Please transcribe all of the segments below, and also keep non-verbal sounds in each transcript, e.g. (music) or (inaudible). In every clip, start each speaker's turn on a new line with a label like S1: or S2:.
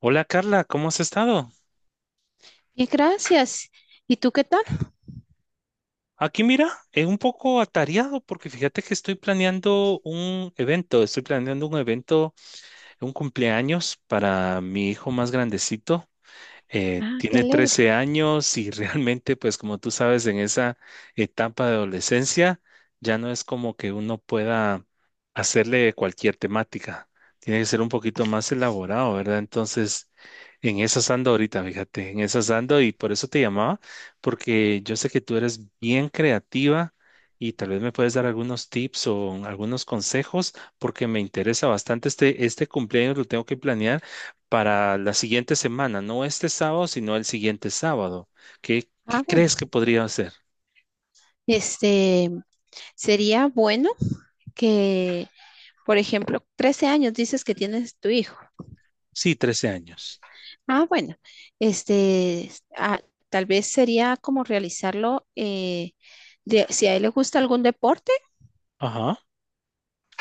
S1: Hola Carla, ¿cómo has estado?
S2: Bien, gracias. ¿Y tú qué tal?
S1: Aquí mira, es un poco atareado porque fíjate que estoy planeando un evento, un cumpleaños para mi hijo más grandecito.
S2: Ah, qué
S1: Tiene
S2: alegre.
S1: 13 años y (laughs) realmente, pues como tú sabes, en esa etapa de adolescencia ya no es como que uno pueda hacerle cualquier temática. Tiene que ser un poquito más elaborado, ¿verdad? Entonces, en esas ando ahorita, fíjate, en esas ando y por eso te llamaba, porque yo sé que tú eres bien creativa y tal vez me puedes dar algunos tips o algunos consejos, porque me interesa bastante este cumpleaños, lo tengo que planear para la siguiente semana, no este sábado, sino el siguiente sábado. ¿Qué
S2: Ah, bueno.
S1: crees que podría hacer?
S2: Este, Sería bueno que, por ejemplo, 13 años dices que tienes tu hijo.
S1: Sí, 13 años.
S2: Ah, bueno. Este, ah, Tal vez sería como realizarlo, si a él le gusta algún deporte.
S1: Ajá,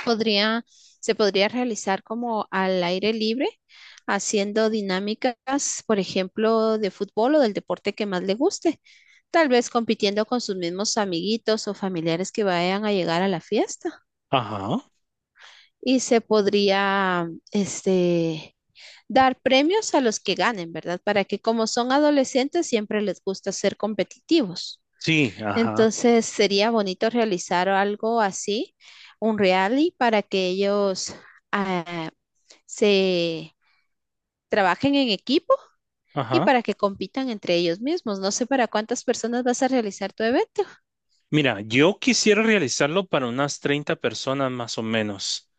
S2: podría, Se podría realizar como al aire libre, haciendo dinámicas, por ejemplo, de fútbol o del deporte que más le guste, tal vez compitiendo con sus mismos amiguitos o familiares que vayan a llegar a la fiesta.
S1: ajá,
S2: Y se podría, dar premios a los que ganen, ¿verdad? Para que como son adolescentes, siempre les gusta ser competitivos.
S1: sí, ajá,
S2: Entonces, sería bonito realizar algo así, un rally, para que ellos... ah, se trabajen en equipo y
S1: ajá.
S2: para que compitan entre ellos mismos. No sé para cuántas personas vas a realizar tu evento.
S1: Mira, yo quisiera realizarlo para unas 30 personas más o menos.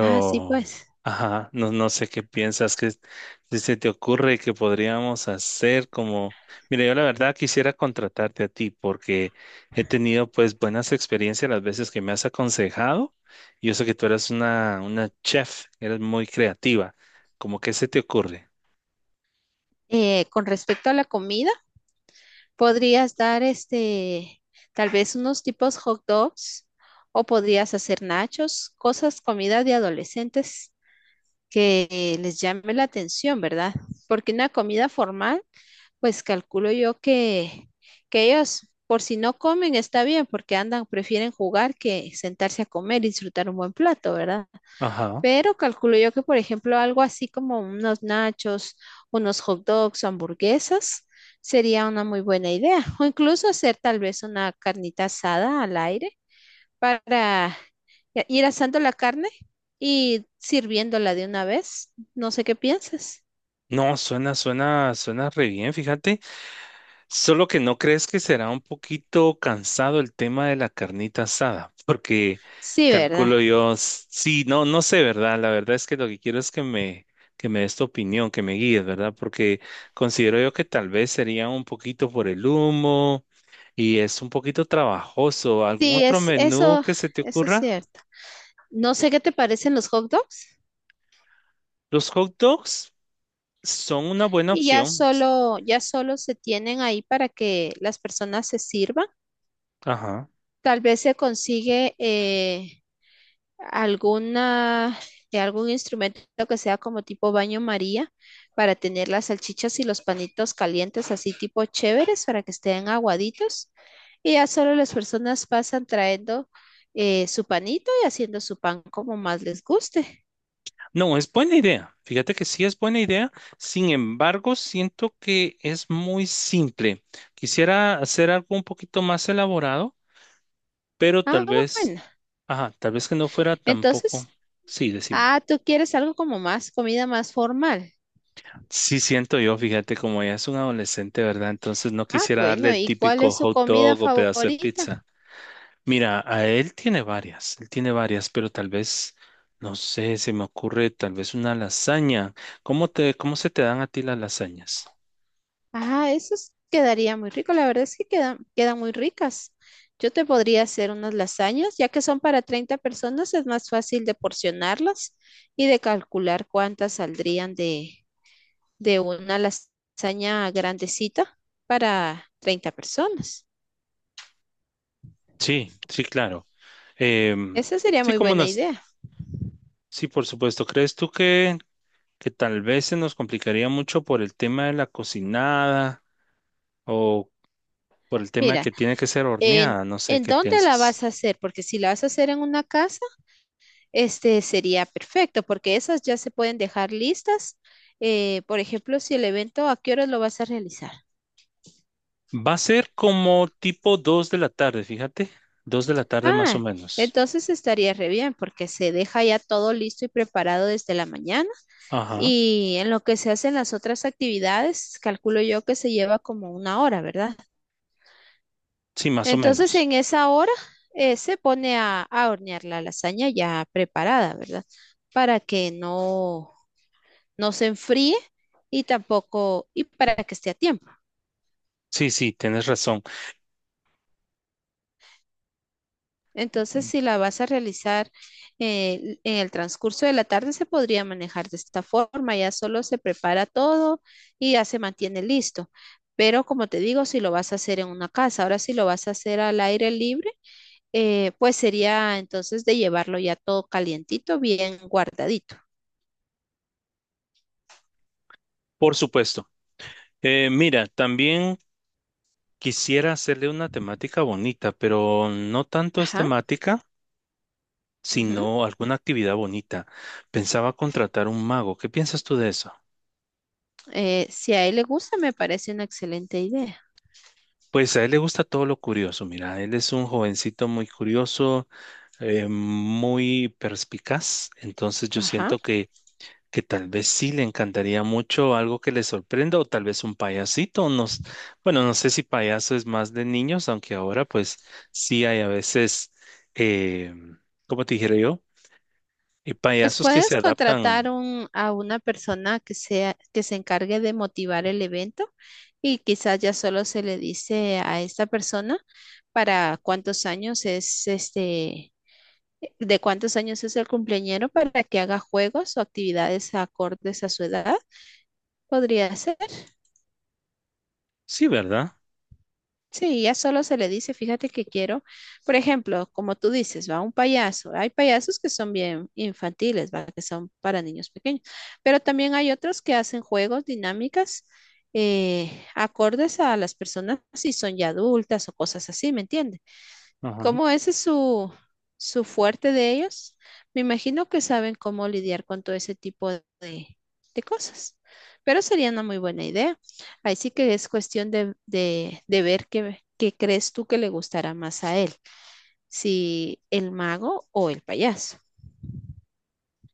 S2: Ah, sí, pues.
S1: ajá, no sé qué piensas que si se te ocurre que podríamos hacer como, mira, yo la verdad quisiera contratarte a ti porque he tenido pues buenas experiencias las veces que me has aconsejado. Yo sé que tú eres una chef, eres muy creativa. ¿Cómo que se te ocurre?
S2: Con respecto a la comida, podrías dar tal vez unos tipos hot dogs o podrías hacer nachos, cosas, comida de adolescentes que les llame la atención, ¿verdad? Porque una comida formal. Pues calculo yo que ellos, por si no comen, está bien, porque andan, prefieren jugar que sentarse a comer y disfrutar un buen plato, ¿verdad?
S1: Ajá.
S2: Pero calculo yo que, por ejemplo, algo así como unos nachos, unos hot dogs, o hamburguesas, sería una muy buena idea. O incluso hacer tal vez una carnita asada al aire para ya ir asando la carne y sirviéndola de una vez. No sé qué piensas.
S1: No, suena, suena, suena re bien, fíjate. Solo que no crees que será un poquito cansado el tema de la carnita asada, porque
S2: Sí, ¿verdad?
S1: calculo yo, s- sí, no sé, ¿verdad? La verdad es que lo que quiero es que que me des tu opinión, que me guíes, ¿verdad? Porque considero yo que tal vez sería un poquito por el humo y es un poquito trabajoso. ¿Algún
S2: Sí,
S1: otro menú que se te
S2: eso es
S1: ocurra?
S2: cierto. No sé qué te parecen los hot dogs
S1: Los hot dogs son una buena
S2: y
S1: opción.
S2: ya solo se tienen ahí para que las personas se sirvan.
S1: Ajá.
S2: Tal vez se consigue alguna, algún instrumento que sea como tipo baño María para tener las salchichas y los panitos calientes así tipo chéveres para que estén aguaditos. Y ya solo las personas pasan trayendo su panito y haciendo su pan como más les guste.
S1: No, es buena idea. Fíjate que sí es buena idea. Sin embargo, siento que es muy simple. Quisiera hacer algo un poquito más elaborado, pero
S2: Ah,
S1: tal vez,
S2: bueno.
S1: ajá, tal vez que no fuera tampoco.
S2: Entonces,
S1: Sí, decime.
S2: Tú quieres algo como más, comida más formal.
S1: Sí, siento yo, fíjate, como ella es un adolescente, ¿verdad? Entonces no
S2: Ah,
S1: quisiera darle
S2: bueno,
S1: el
S2: ¿y cuál
S1: típico
S2: es su
S1: hot
S2: comida
S1: dog o pedazo de
S2: favorita?
S1: pizza. Mira, a él tiene varias, pero tal vez, no sé, se me ocurre tal vez una lasaña. ¿ Cómo se te dan a ti las lasañas?
S2: Ah, quedaría muy rico. La verdad es que quedan muy ricas. Yo te podría hacer unas lasañas, ya que son para 30 personas, es más fácil de porcionarlas y de calcular cuántas saldrían de una lasaña grandecita para 30 personas.
S1: Sí, sí, claro. Em,
S2: Esa sería
S1: sí,
S2: muy buena idea.
S1: sí, por supuesto. ¿Crees tú que tal vez se nos complicaría mucho por el tema de la cocinada o por el tema
S2: Mira,
S1: que tiene que ser
S2: en,
S1: horneada? No sé,
S2: ¿en
S1: ¿qué
S2: dónde la
S1: piensas?
S2: vas a hacer? Porque si la vas a hacer en una casa, este sería perfecto porque esas ya se pueden dejar listas. Por ejemplo, si el evento, ¿a qué horas lo vas a realizar?
S1: Va a ser como tipo 2 de la tarde, fíjate. 2 de la tarde más o
S2: Ah,
S1: menos.
S2: entonces estaría re bien porque se deja ya todo listo y preparado desde la mañana
S1: Ajá,
S2: y en lo que se hacen las otras actividades, calculo yo que se lleva como una hora, ¿verdad?
S1: sí, más o
S2: Entonces
S1: menos.
S2: en esa hora se pone a hornear la lasaña ya preparada, ¿verdad? Para que no, no se enfríe y tampoco, y para que esté a tiempo.
S1: Sí, sí, tienes razón.
S2: Entonces, si la vas a realizar en el transcurso de la tarde, se podría manejar de esta forma. Ya solo se prepara todo y ya se mantiene listo. Pero como te digo, si lo vas a hacer en una casa, ahora si lo vas a hacer al aire libre, pues sería entonces de llevarlo ya todo calientito, bien guardadito.
S1: Por supuesto. Mira, también quisiera hacerle una temática bonita, pero no tanto es
S2: Ajá.
S1: temática
S2: Ujú.
S1: sino alguna actividad bonita. Pensaba contratar un mago. ¿Qué piensas tú de eso?
S2: Si a él le gusta, me parece una excelente idea.
S1: Pues a él le gusta todo lo curioso. Mira, él es un jovencito muy curioso, muy perspicaz. Entonces yo
S2: Ajá.
S1: siento que tal vez sí le encantaría mucho algo que le sorprenda o tal vez un payasito. No, bueno, no sé si payaso es más de niños, aunque ahora pues sí hay a veces, eh, ¿cómo te dijera yo?
S2: Pues
S1: Payasos que se
S2: puedes
S1: adaptan.
S2: contratar a una persona que sea, que se encargue de motivar el evento y quizás ya solo se le dice a esta persona para cuántos años es este, de cuántos años es el cumpleañero para que haga juegos o actividades acordes a su edad. Podría ser.
S1: Sí, ¿verdad?
S2: Sí, ya solo se le dice, fíjate que quiero, por ejemplo, como tú dices, va un payaso. Hay payasos que son bien infantiles, va, que son para niños pequeños, pero también hay otros que hacen juegos, dinámicas, acordes a las personas si son ya adultas o cosas así, ¿me entiendes?
S1: Ajá.
S2: Como ese es su, su fuerte de ellos, me imagino que saben cómo lidiar con todo ese tipo de cosas. Pero sería una muy buena idea. Ahí sí que es cuestión de ver qué crees tú que le gustará más a él, si el mago o el payaso.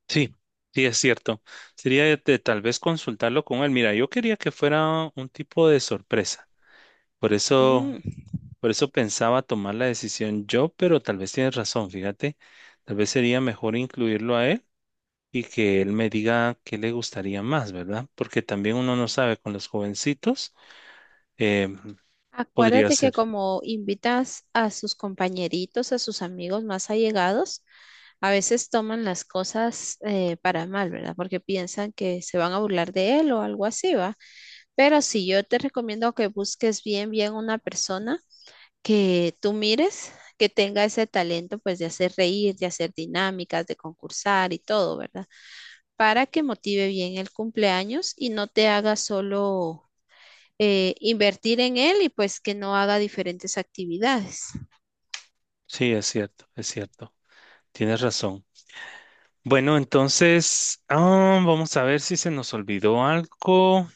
S1: Sí, sí, es cierto. Sería de tal vez consultarlo con él. Mira, yo quería que fuera un tipo de sorpresa. Por eso,
S2: Mm.
S1: por eso pensaba tomar la decisión yo, pero tal vez tienes razón, fíjate. Tal vez sería mejor incluirlo a él y que él me diga qué le gustaría más, ¿verdad? Porque también uno no sabe con los jovencitos. eh, Podría
S2: Acuérdate
S1: ser.
S2: que como invitas a sus compañeritos, a sus amigos más allegados, a veces toman las cosas para mal, ¿verdad? Porque piensan que se van a burlar de él o algo así, ¿va? Pero sí, yo te recomiendo que busques bien, bien una persona que tú mires, que tenga ese talento, pues, de hacer reír, de hacer dinámicas, de concursar y todo, ¿verdad? Para que motive bien el cumpleaños y no te haga solo invertir en él y pues que no haga diferentes actividades.
S1: Sí, es cierto, es cierto. Tienes razón. Bueno, entonces, ah, vamos a ver si se nos olvidó algo.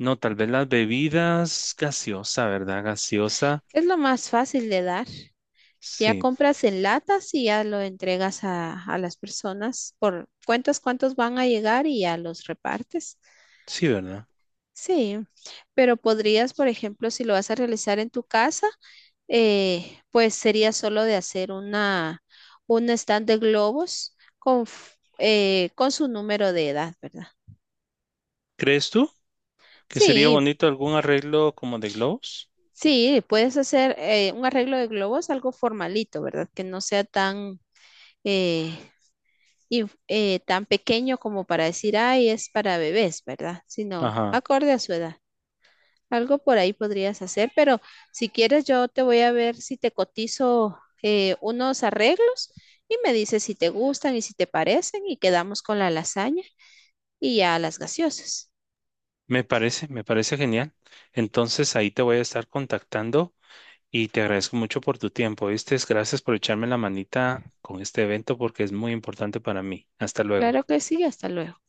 S1: No, tal vez las bebidas gaseosa, ¿verdad? Gaseosa.
S2: Es lo más fácil de dar. Ya
S1: Sí,
S2: compras en latas y ya lo entregas a las personas por cuentas cuántos van a llegar y ya los repartes.
S1: sí, ¿verdad?
S2: Sí, pero podrías, por ejemplo, si lo vas a realizar en tu casa, pues sería solo de hacer un stand de globos con su número de edad, ¿verdad?
S1: ¿Crees tú que sería
S2: Sí,
S1: bonito algún arreglo como de globos?
S2: sí, puedes hacer un arreglo de globos, algo formalito, ¿verdad? Que no sea eh, tan pequeño como para decir, ay, es para bebés, ¿verdad? Sino
S1: Ajá,
S2: acorde a su edad. Algo por ahí podrías hacer, pero si quieres yo te voy a ver si te cotizo unos arreglos y me dices si te gustan y si te parecen y quedamos con la lasaña y ya las gaseosas.
S1: me parece genial. Entonces ahí te voy a estar contactando y te agradezco mucho por tu tiempo, ¿viste? Gracias por echarme la manita con este evento porque es muy importante para mí. Hasta luego.
S2: Claro que sí, hasta luego.